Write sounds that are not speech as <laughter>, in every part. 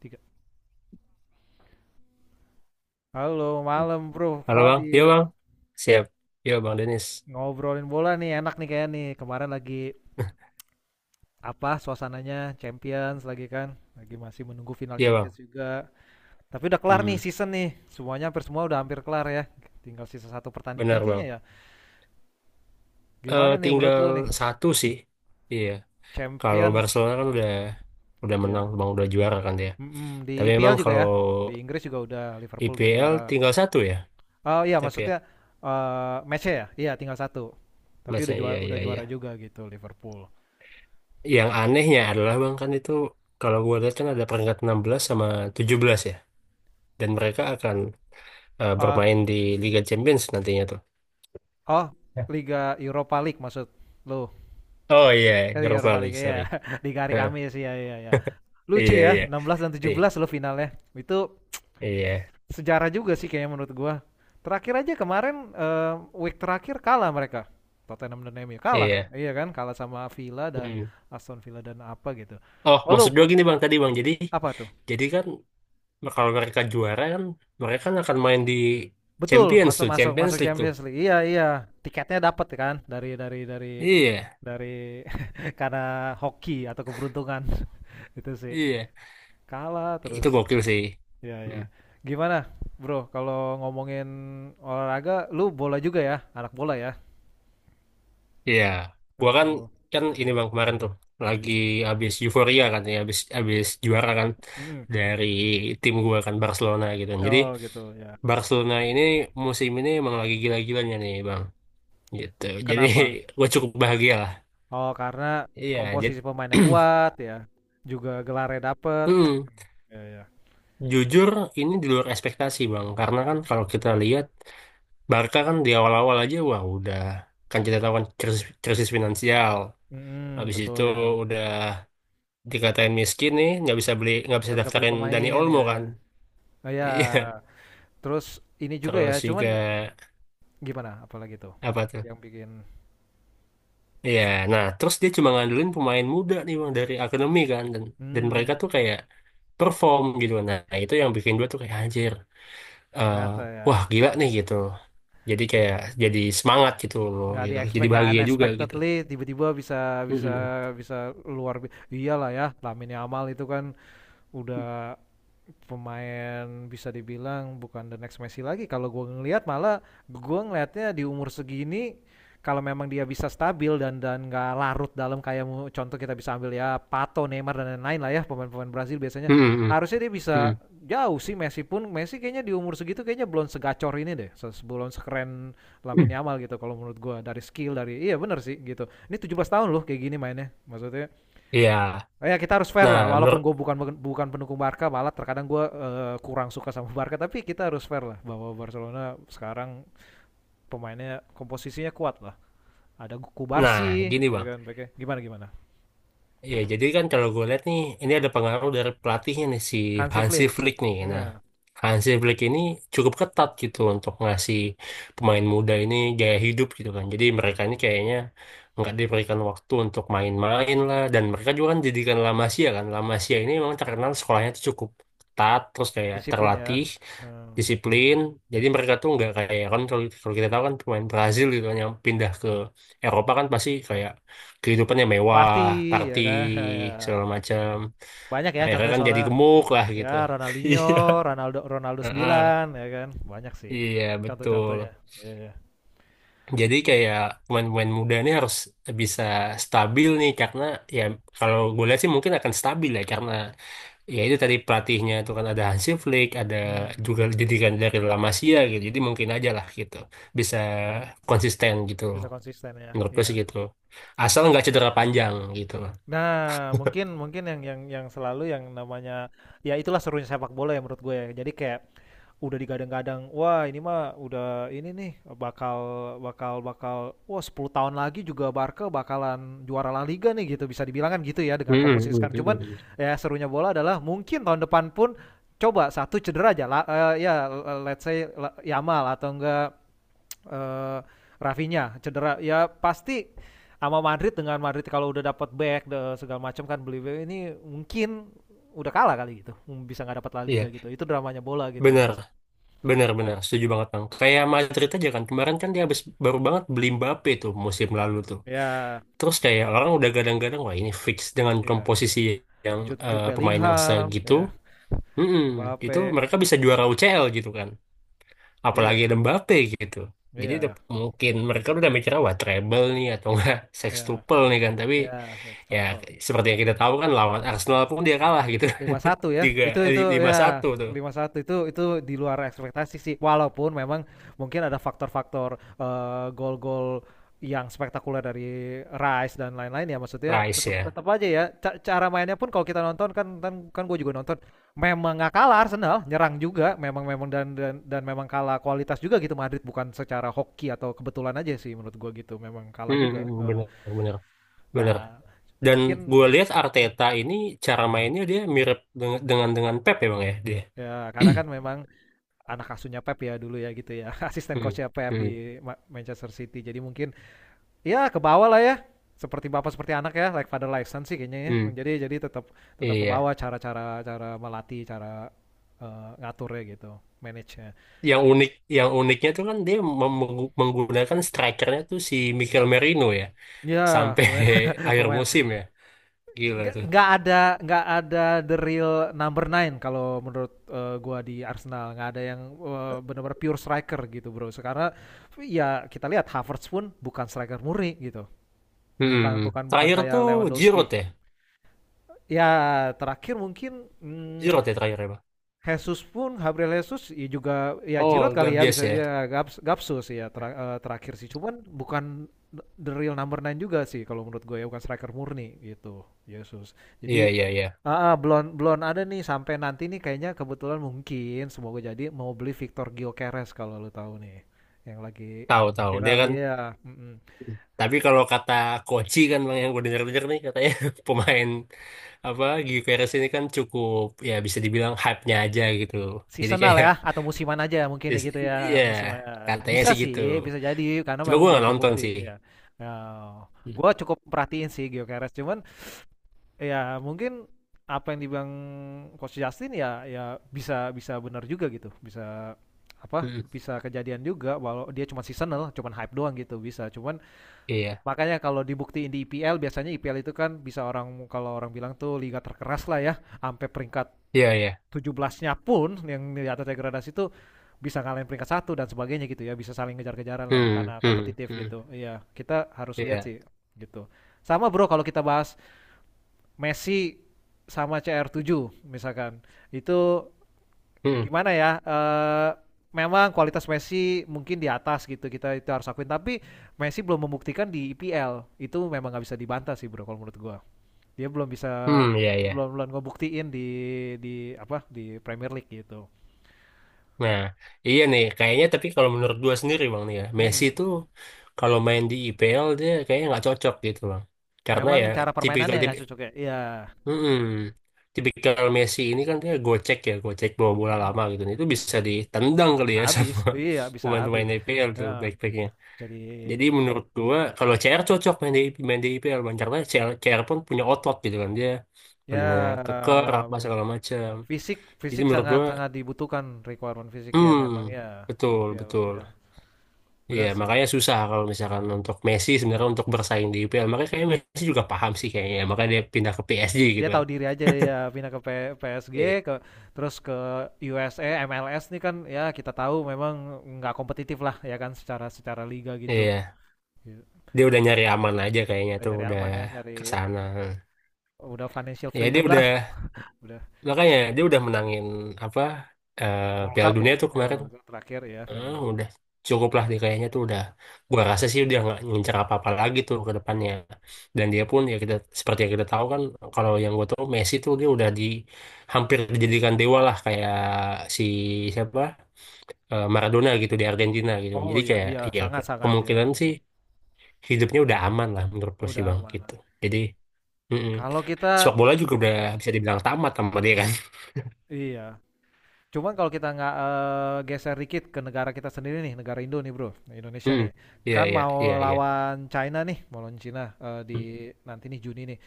Tiga. Halo, malam Bro Halo Bang, iya Fadil. Bang. Siap. Iya Bang Denis. Ngobrolin bola nih, enak nih kayaknya nih. Kemarin lagi apa suasananya Champions lagi kan? Lagi masih menunggu final Iya Bang. Champions juga. Tapi udah kelar nih Hmm, season nih. Semuanya hampir semua udah hampir kelar ya. Tinggal sisa satu pertandingan benar kayaknya Bang. ya. Gimana nih menurut Tinggal lo nih? satu sih. Iya. Kalau Champion Barcelona kan udah menang, ya. Bang, udah juara kan dia. Mm-mm, di Tapi memang IPL juga kalau ya. Di Inggris juga udah Liverpool udah IPL juara. tinggal satu ya. Oh iya, Tapi ya, maksudnya match ya? Iya, tinggal satu. Tapi udah masih, iya juara udah iya iya. juara juga gitu Liverpool. Yang anehnya adalah Bang, kan itu kalau gua lihat kan ada peringkat 16 sama 17 ya. Dan mereka akan Ah. bermain di Liga Champions nantinya tuh. Oh, Ya. Liga Europa League maksud lu. Oh iya, Liga Europa Europa League, League ya. sorry. <laughs> Liga hari Heeh, Kamis, ya ya ya. <laughs> Lucu iya ya, iya. 16 dan Di- 17 lo finalnya. Itu iya. sejarah juga sih kayaknya menurut gua. Terakhir aja kemarin week terakhir kalah mereka. Tottenham dan MU kalah. Iya. Iya kan? Kalah sama Villa dan Hmm. Aston Villa dan apa gitu. Oh, Oh lu maksud gue gini Bang, tadi Bang. Jadi apa tuh? jadi kan kalau mereka juara kan mereka kan akan main di Betul, Champions masuk tuh, masuk Champions masuk League tuh. Champions League. Iya iya, tiketnya dapat kan dari dari dari Iya, dari <laughs> karena hoki atau keberuntungan <laughs> itu sih. iya. Kalah terus. Itu gokil sih. Ya ya. Hmm. Gimana, Bro? Kalau ngomongin olahraga, lu bola juga ya? Anak bola ya? Iya. Gua Sepak kan bola. kan ini Bang, kemarin tuh lagi habis euforia kan, ya habis, habis juara kan, Mhm. dari tim gua kan Barcelona gitu. Jadi Oh, gitu ya. Barcelona ini musim ini emang lagi gila-gilanya nih Bang. Gitu. Jadi Kenapa? <laughs> gua cukup bahagia lah. Oh, karena Iya, jadi komposisi pemainnya kuat ya. Juga gelarnya dapet. <clears throat> Ya ya. jujur, ini di luar ekspektasi Bang, karena kan kalau kita lihat Barca kan di awal-awal aja wah udah, kan kita tahu kan, krisis, krisis finansial, Mhm, habis itu betul ya. udah dikatain miskin nih, nggak bisa beli, nggak bisa Nggak bisa beli daftarin Dani pemain, Olmo ya ya. kan, Oh ya, <laughs> iya, terus ini juga terus ya, juga cuman gimana apalagi tuh apa tuh, yang bikin iya, nah terus dia cuma ngandelin pemain muda nih Bang dari akademi kan, dan mereka hmm, tuh kayak perform gitu, nah itu yang bikin gue tuh kayak anjir, eh, ternyata ya. wah gila nih gitu. Jadi kayak jadi semangat gitu loh Nggak di gitu. Jadi expect ya, bahagia juga gitu. unexpectedly tiba-tiba bisa bisa Mm-mm. bisa luar iyalah ya Lamine Yamal itu kan udah pemain bisa dibilang bukan the next Messi lagi. Kalau gue ngelihat malah gue ngelihatnya di umur segini kalau memang dia bisa stabil dan nggak larut dalam kayak contoh kita bisa ambil ya Pato, Neymar dan lain-lain lah ya pemain-pemain Brazil biasanya Mm-mm. harusnya dia bisa Mm-mm. jauh sih. Messi pun Messi kayaknya di umur segitu kayaknya belum segacor ini deh sebelum sekeren Mm. Lamine Yamal gitu kalau menurut gue, dari skill dari iya benar sih gitu ini 17 tahun loh kayak gini mainnya maksudnya. Iya. Ya kita harus fair lah, Nah walaupun menurut, gue bukan bukan pendukung Barca, malah terkadang gue kurang suka sama <laughs> Barca, tapi kita harus fair lah bahwa Barcelona sekarang pemainnya komposisinya kuat lah. Ada nah, Kubarsi, gini ya Bang. kan, pakai gimana gimana. Iya, jadi kan kalau gue lihat nih, ini ada pengaruh dari pelatihnya nih si Hansi Hansi Flick, Flick nih. Nah, ya, Hansi Flick ini cukup ketat gitu untuk ngasih pemain muda ini gaya hidup gitu kan. Jadi mereka ini kayaknya nggak diberikan waktu untuk main-main lah. Dan mereka juga kan didikan La Masia kan. La Masia ini memang terkenal sekolahnya tuh cukup ketat, terus kayak disiplin ya. terlatih, Hmm. disiplin. Jadi mereka tuh nggak kayak, kan kalau kalau kita tahu kan pemain Brazil gitu kan yang pindah ke Eropa kan pasti kayak kehidupannya Party, mewah, ya party kan, <laughs> ya. segala macam. Banyak ya Akhirnya contohnya kan jadi soalnya gemuk lah ya gitu. <laughs> Ronaldinho, Iya. Ronaldo Ronaldo Heeh, 9, ya kan, banyak sih iya betul. contoh-contohnya. Iya, iya. Jadi kayak pemain-pemain muda ini harus bisa stabil nih karena ya kalau gue lihat sih mungkin akan stabil ya karena ya itu tadi pelatihnya itu kan ada Hansi Flick, ada Hmm, juga didikan dari La Masia gitu. Jadi mungkin aja lah gitu bisa konsisten gitu loh. bisa konsisten ya. Menurut gue Iya. sih gitu. Asal nggak cedera panjang gitu. Nah, mungkin mungkin yang selalu yang namanya ya itulah serunya sepak bola ya menurut gue ya. Jadi kayak udah digadang-gadang, wah ini mah udah ini nih bakal bakal bakal wah 10 tahun lagi juga Barca bakalan juara La Liga nih gitu bisa dibilang kan gitu ya dengan Hmm, komposisi sekarang. Cuman ya serunya bola adalah mungkin tahun depan pun coba satu cedera aja lah ya let's say La- Yamal atau enggak eh Rafinya cedera ya pasti sama Madrid dengan Madrid kalau udah dapat back segala macam kan beli ini mungkin udah kalah kali gitu. Hmm, bisa nggak dapat La Liga iya, gitu itu dramanya bola gitu benar. mas. Benar-benar, setuju banget Bang. Kayak Madrid aja kan, kemarin kan dia habis baru banget beli Mbappe tuh musim lalu tuh. Ya Terus kayak orang udah gadang-gadang, wah ini fix dengan ya komposisi yang Jude, Jude pemain yang Bellingham segitu, ya mm Mbappe, itu mereka bisa juara UCL gitu kan. Apalagi iya ada Mbappe gitu. Jadi udah, iya mungkin mereka udah mikirnya, wah treble nih atau enggak <laughs> ya sextuple nih kan. Tapi ya ya Verstappen seperti yang kita tahu kan lawan Arsenal pun dia kalah gitu. 5-1 <laughs> ya. Tiga, Itu lima ya satu tuh, 5-1 itu di luar ekspektasi sih. Walaupun memang mungkin ada faktor-faktor gol-gol yang spektakuler dari Rice dan lain-lain ya maksudnya Rice tetap ya. tetap aja ya. Cara mainnya pun kalau kita nonton kan kan kan gue juga nonton memang nggak kalah. Arsenal nyerang juga memang memang dan memang kalah kualitas juga gitu Madrid bukan secara hoki atau kebetulan aja sih menurut gue gitu, memang kalah juga. Mm-mm, Heeh. benar-benar. Nah Dan mungkin gue lihat Arteta ini cara mainnya dia mirip dengan dengan Pep ya Bang ya dia. ya karena kan <clears throat> memang anak asuhnya Pep ya dulu ya gitu ya <laughs> asisten Hmm, coachnya Pep hmm, di Manchester City jadi mungkin ya ke bawah lah ya seperti bapak seperti anak ya like father like son sih kayaknya hmm, ya jadi tetap tetap ke iya. bawah cara-cara cara melatih cara ngaturnya gitu, manage nya Yang unik yang uniknya tuh kan dia menggunakan strikernya tuh si Mikel Merino ya ya sampai pemain <laughs> <laughs> akhir pemain musim ya. Gila tuh. nggak nggak ada the real number nine kalau menurut gua, di Arsenal nggak ada yang benar-benar pure striker gitu bro sekarang ya kita lihat Havertz pun bukan striker murni gitu. Hmm, Bukan bukan bukan Terakhir tuh kayak Giroud Lewandowski. ya. Ya, terakhir mungkin Giroud ya terakhir ya, Bang. Jesus pun Gabriel Jesus ya juga ya Giroud Oh, kali ya bisa Gabias ya. ya Gaps, Gapsus ya terakhir sih. Cuman bukan the real number nine juga sih kalau menurut gue ya bukan striker murni gitu. Yesus. Iya, Jadi iya, iya. Belum belum ada nih sampai nanti nih kayaknya kebetulan mungkin semoga jadi mau beli Victor Gyökeres kalau lu tahu nih yang lagi Tahu, tahu. Dia viral kan, iya mm-mm. tapi kalau kata Koci kan Bang, yang gue denger-denger nih katanya <laughs> pemain apa GQRS ini kan cukup, ya bisa dibilang hype-nya aja gitu. Jadi Seasonal kayak ya atau musiman aja mungkin ya gitu ya, iya musiman. katanya Bisa sih gitu. sih, bisa jadi karena Coba memang gue belum nggak nonton terbukti sih. ya. Ya, Hmm, gua cukup perhatiin sih GeoCares cuman ya mungkin apa yang dibilang Coach Justin ya ya bisa bisa benar juga gitu. Bisa apa hmm, bisa kejadian juga walau dia cuma seasonal cuman hype doang gitu bisa cuman iya makanya kalau dibuktiin di IPL, biasanya IPL itu kan bisa orang kalau orang bilang tuh liga terkeras lah ya sampai peringkat iya iya. 17-nya pun yang di atas degradasi itu bisa ngalahin peringkat satu dan sebagainya gitu ya bisa saling ngejar-kejaran lah Hmm karena hmm kompetitif hmm gitu iya kita harus lihat iya sih gitu. Sama bro, kalau kita bahas Messi sama CR7 misalkan itu hmm gimana ya memang kualitas Messi mungkin di atas gitu kita itu harus akuin tapi Messi belum membuktikan di IPL itu memang nggak bisa dibantah sih bro kalau menurut gua dia belum bisa hmm iya iya. belum belum ngebuktiin di apa di Premier League gitu. Nah, iya nih kayaknya, tapi kalau menurut gue sendiri Bang nih ya, Messi Mhm, tuh kalau main di IPL dia kayaknya nggak cocok gitu Bang. Karena memang ya cara permainannya tipikal, yang nggak cocok ya? Iya, mm-mm, tipikal Messi ini kan dia gocek ya, gocek bawa bola mhm, lama gitu. Nah, itu bisa ditendang kali ya habis, sama iya <laughs> bisa habis, pemain-pemain IPL tuh heeh, back-backnya. jadi Jadi menurut gua kalau CR cocok main di IPL, Bang. Karena CR, CR pun punya otot gitu kan, dia ya badannya keker apa wow. segala macam. Fisik Jadi fisik menurut sangat gua, sangat dibutuhkan requirement fisik ya memang hmm, ya di betul P L betul. ya, Iya benar sih. makanya susah kalau misalkan untuk Messi sebenarnya untuk bersaing di IPL. Makanya kayaknya Messi juga paham sih kayaknya. Makanya dia pindah ke PSG Dia gitu kan. tahu diri aja ya pindah ke P PSG Iya. ke terus ke USA MLS nih kan ya kita tahu memang nggak kompetitif lah ya kan secara secara liga gitu, Iya. iya, Dia udah nyari aman aja kayaknya udah tuh nyari udah aman ya nyari ke sana, udah financial ya dia freedom lah, udah, udah makanya dia udah menangin apa eh World Piala Cup ya? Dunia tuh Ya, kemarin. World Cup terakhir ya Piala. Udah cukup lah dia kayaknya tuh udah, gua rasa sih dia nggak ngincer apa-apa lagi tuh ke depannya, dan dia pun ya kita, seperti yang kita tahu kan, kalau yang gua tahu Messi tuh dia udah di, hampir dijadikan dewa lah kayak si, siapa, Maradona gitu di Argentina gitu, Oh jadi iya, kayak iya ya sangat-sangat ya kemungkinan sih memang. hidupnya udah aman lah, menurut gue sih Udah Bang gitu, amanat. jadi, mm-mm. Kalau kita Sepak bola juga udah bisa dibilang tamat sama dia kan. iya, cuman kalau kita nggak geser dikit ke negara kita sendiri nih, negara Indo nih bro, Indonesia Mm. nih, Iya, kan iya, mau iya, iya. lawan China nih, mau lawan China di Mm. nanti nih Juni nih.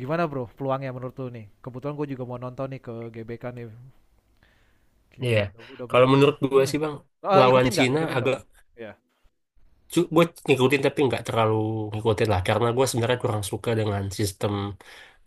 Gimana bro, peluangnya menurut lu nih? Kebetulan gue juga mau nonton nih ke GBK nih, Iya. gitu. Udah beli Kalau tiket. menurut gue Hmm. sih Bang, Eh, lawan ikutin nggak? Cina Ikutin nggak agak, bro? Iya. gue ngikutin tapi nggak terlalu ngikutin lah, karena gue Hmm. sebenarnya kurang suka dengan sistem,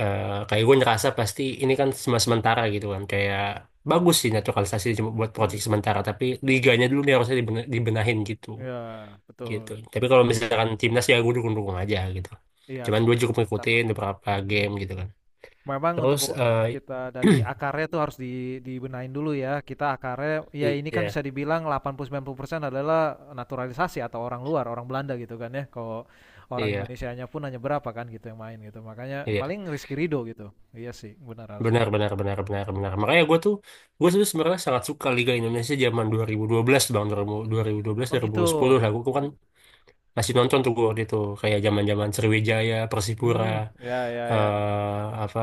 kayak gue ngerasa pasti ini kan cuma sementara gitu kan, kayak bagus sih naturalisasi cuma buat proyek Mm-mm. sementara, tapi liganya dulu nih harusnya dibenahin gitu Iya, betul. gitu. Tapi kalau misalkan timnas ya gue dukung-dukung aja gitu, Iya cuman sih, gue cukup sama. ngikutin beberapa game gitu kan. Memang untuk Terus eh, kita dari <clears throat> akarnya tuh harus di, dibenahin dulu ya. Kita akarnya ya ini kan iya bisa dibilang 80-90% adalah naturalisasi atau orang luar, orang Belanda gitu kan ya. Kalau orang iya Indonesianya pun hanya berapa kan gitu yang main gitu. Makanya iya, paling Rizky Ridho gitu. Iya sih, benar harus benar benar dibenahin. benar benar benar. Makanya gue tuh sebenarnya sangat suka Liga Indonesia zaman dua dua ribu dua belas Bang, 2012, Oh gitu. 2010 lah. Gue kan Gitu. masih nonton tuh gue waktu itu kayak zaman zaman Sriwijaya, Persipura, Hmm, ya ya ya ya. eh apa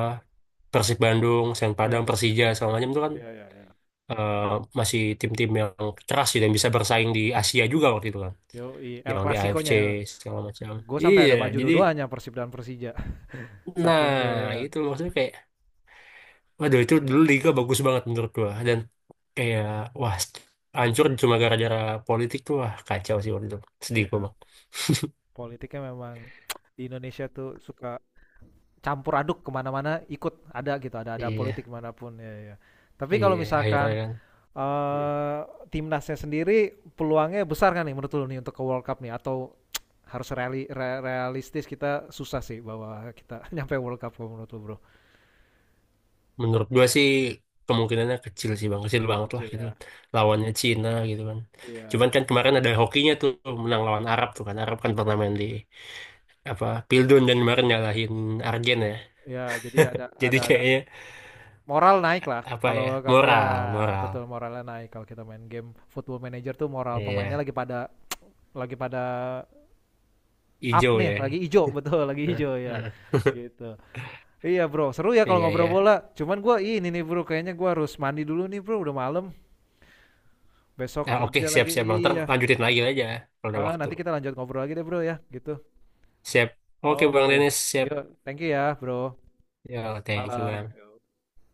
Persib Bandung, Sen Ya Padang, Persib Persija ya. segala macam tuh kan, Ya ya ya. eh, masih tim-tim yang keras sih, dan bisa bersaing di Asia juga waktu itu kan. Yo, El Yang di AFC Clasico-nya. segala macam. Gue sampai Iya ada baju jadi, dua-duanya Persib dan Persija. <laughs> Saking itu nah, ya. itu maksudnya kayak waduh itu dulu Ya. Liga bagus banget menurut gua, dan kayak wah hancur cuma gara-gara politik tuh, wah kacau sih waktu itu, sedih gua Iya. Bang. Politiknya memang di Indonesia tuh suka campur aduk kemana-mana ikut ada gitu ada Iya, politik manapun ya ya. Tapi kalau iya akhirnya misalkan kan. Hmm. eh, timnasnya sendiri peluangnya besar kan nih menurut lu nih untuk ke World Cup nih atau <tsk> harus realistis kita susah sih bahwa kita <laughs> nyampe World Cup kalau menurut lu bro. Menurut gua sih kemungkinannya kecil sih Bang, kecil banget lah Kecil gitu ya, kan. Lawannya Cina gitu kan. iya Cuman kan kemarin ada hokinya tuh, menang lawan Arab tuh kan, Arab kan pernah ya. main di apa Pildun dan kemarin ngalahin Argen ya. Ya, jadi Jadi ada kayaknya moral naik lah. apa ya, Kalau kalau ya moral, moral. betul moralnya naik kalau kita main game Football Manager tuh moral pemainnya Iya, lagi pada lagi pada up hijau nih lagi ya. hijau <laughs> betul lagi Heeh, hijau ya heeh. gitu iya bro seru ya kalau Iya ngobrol iya. bola cuman gua ini nih bro kayaknya gua harus mandi dulu nih bro udah malam besok Nah, oke, kerja lagi siap-siap Bang. Ntar iya. lanjutin lagi aja kalau ada Heeh, waktu. nanti kita lanjut ngobrol lagi deh bro ya gitu Siap. Oke Bang oke Dennis siap. yuk thank you ya bro Ya, thank you malam Bang. Yo.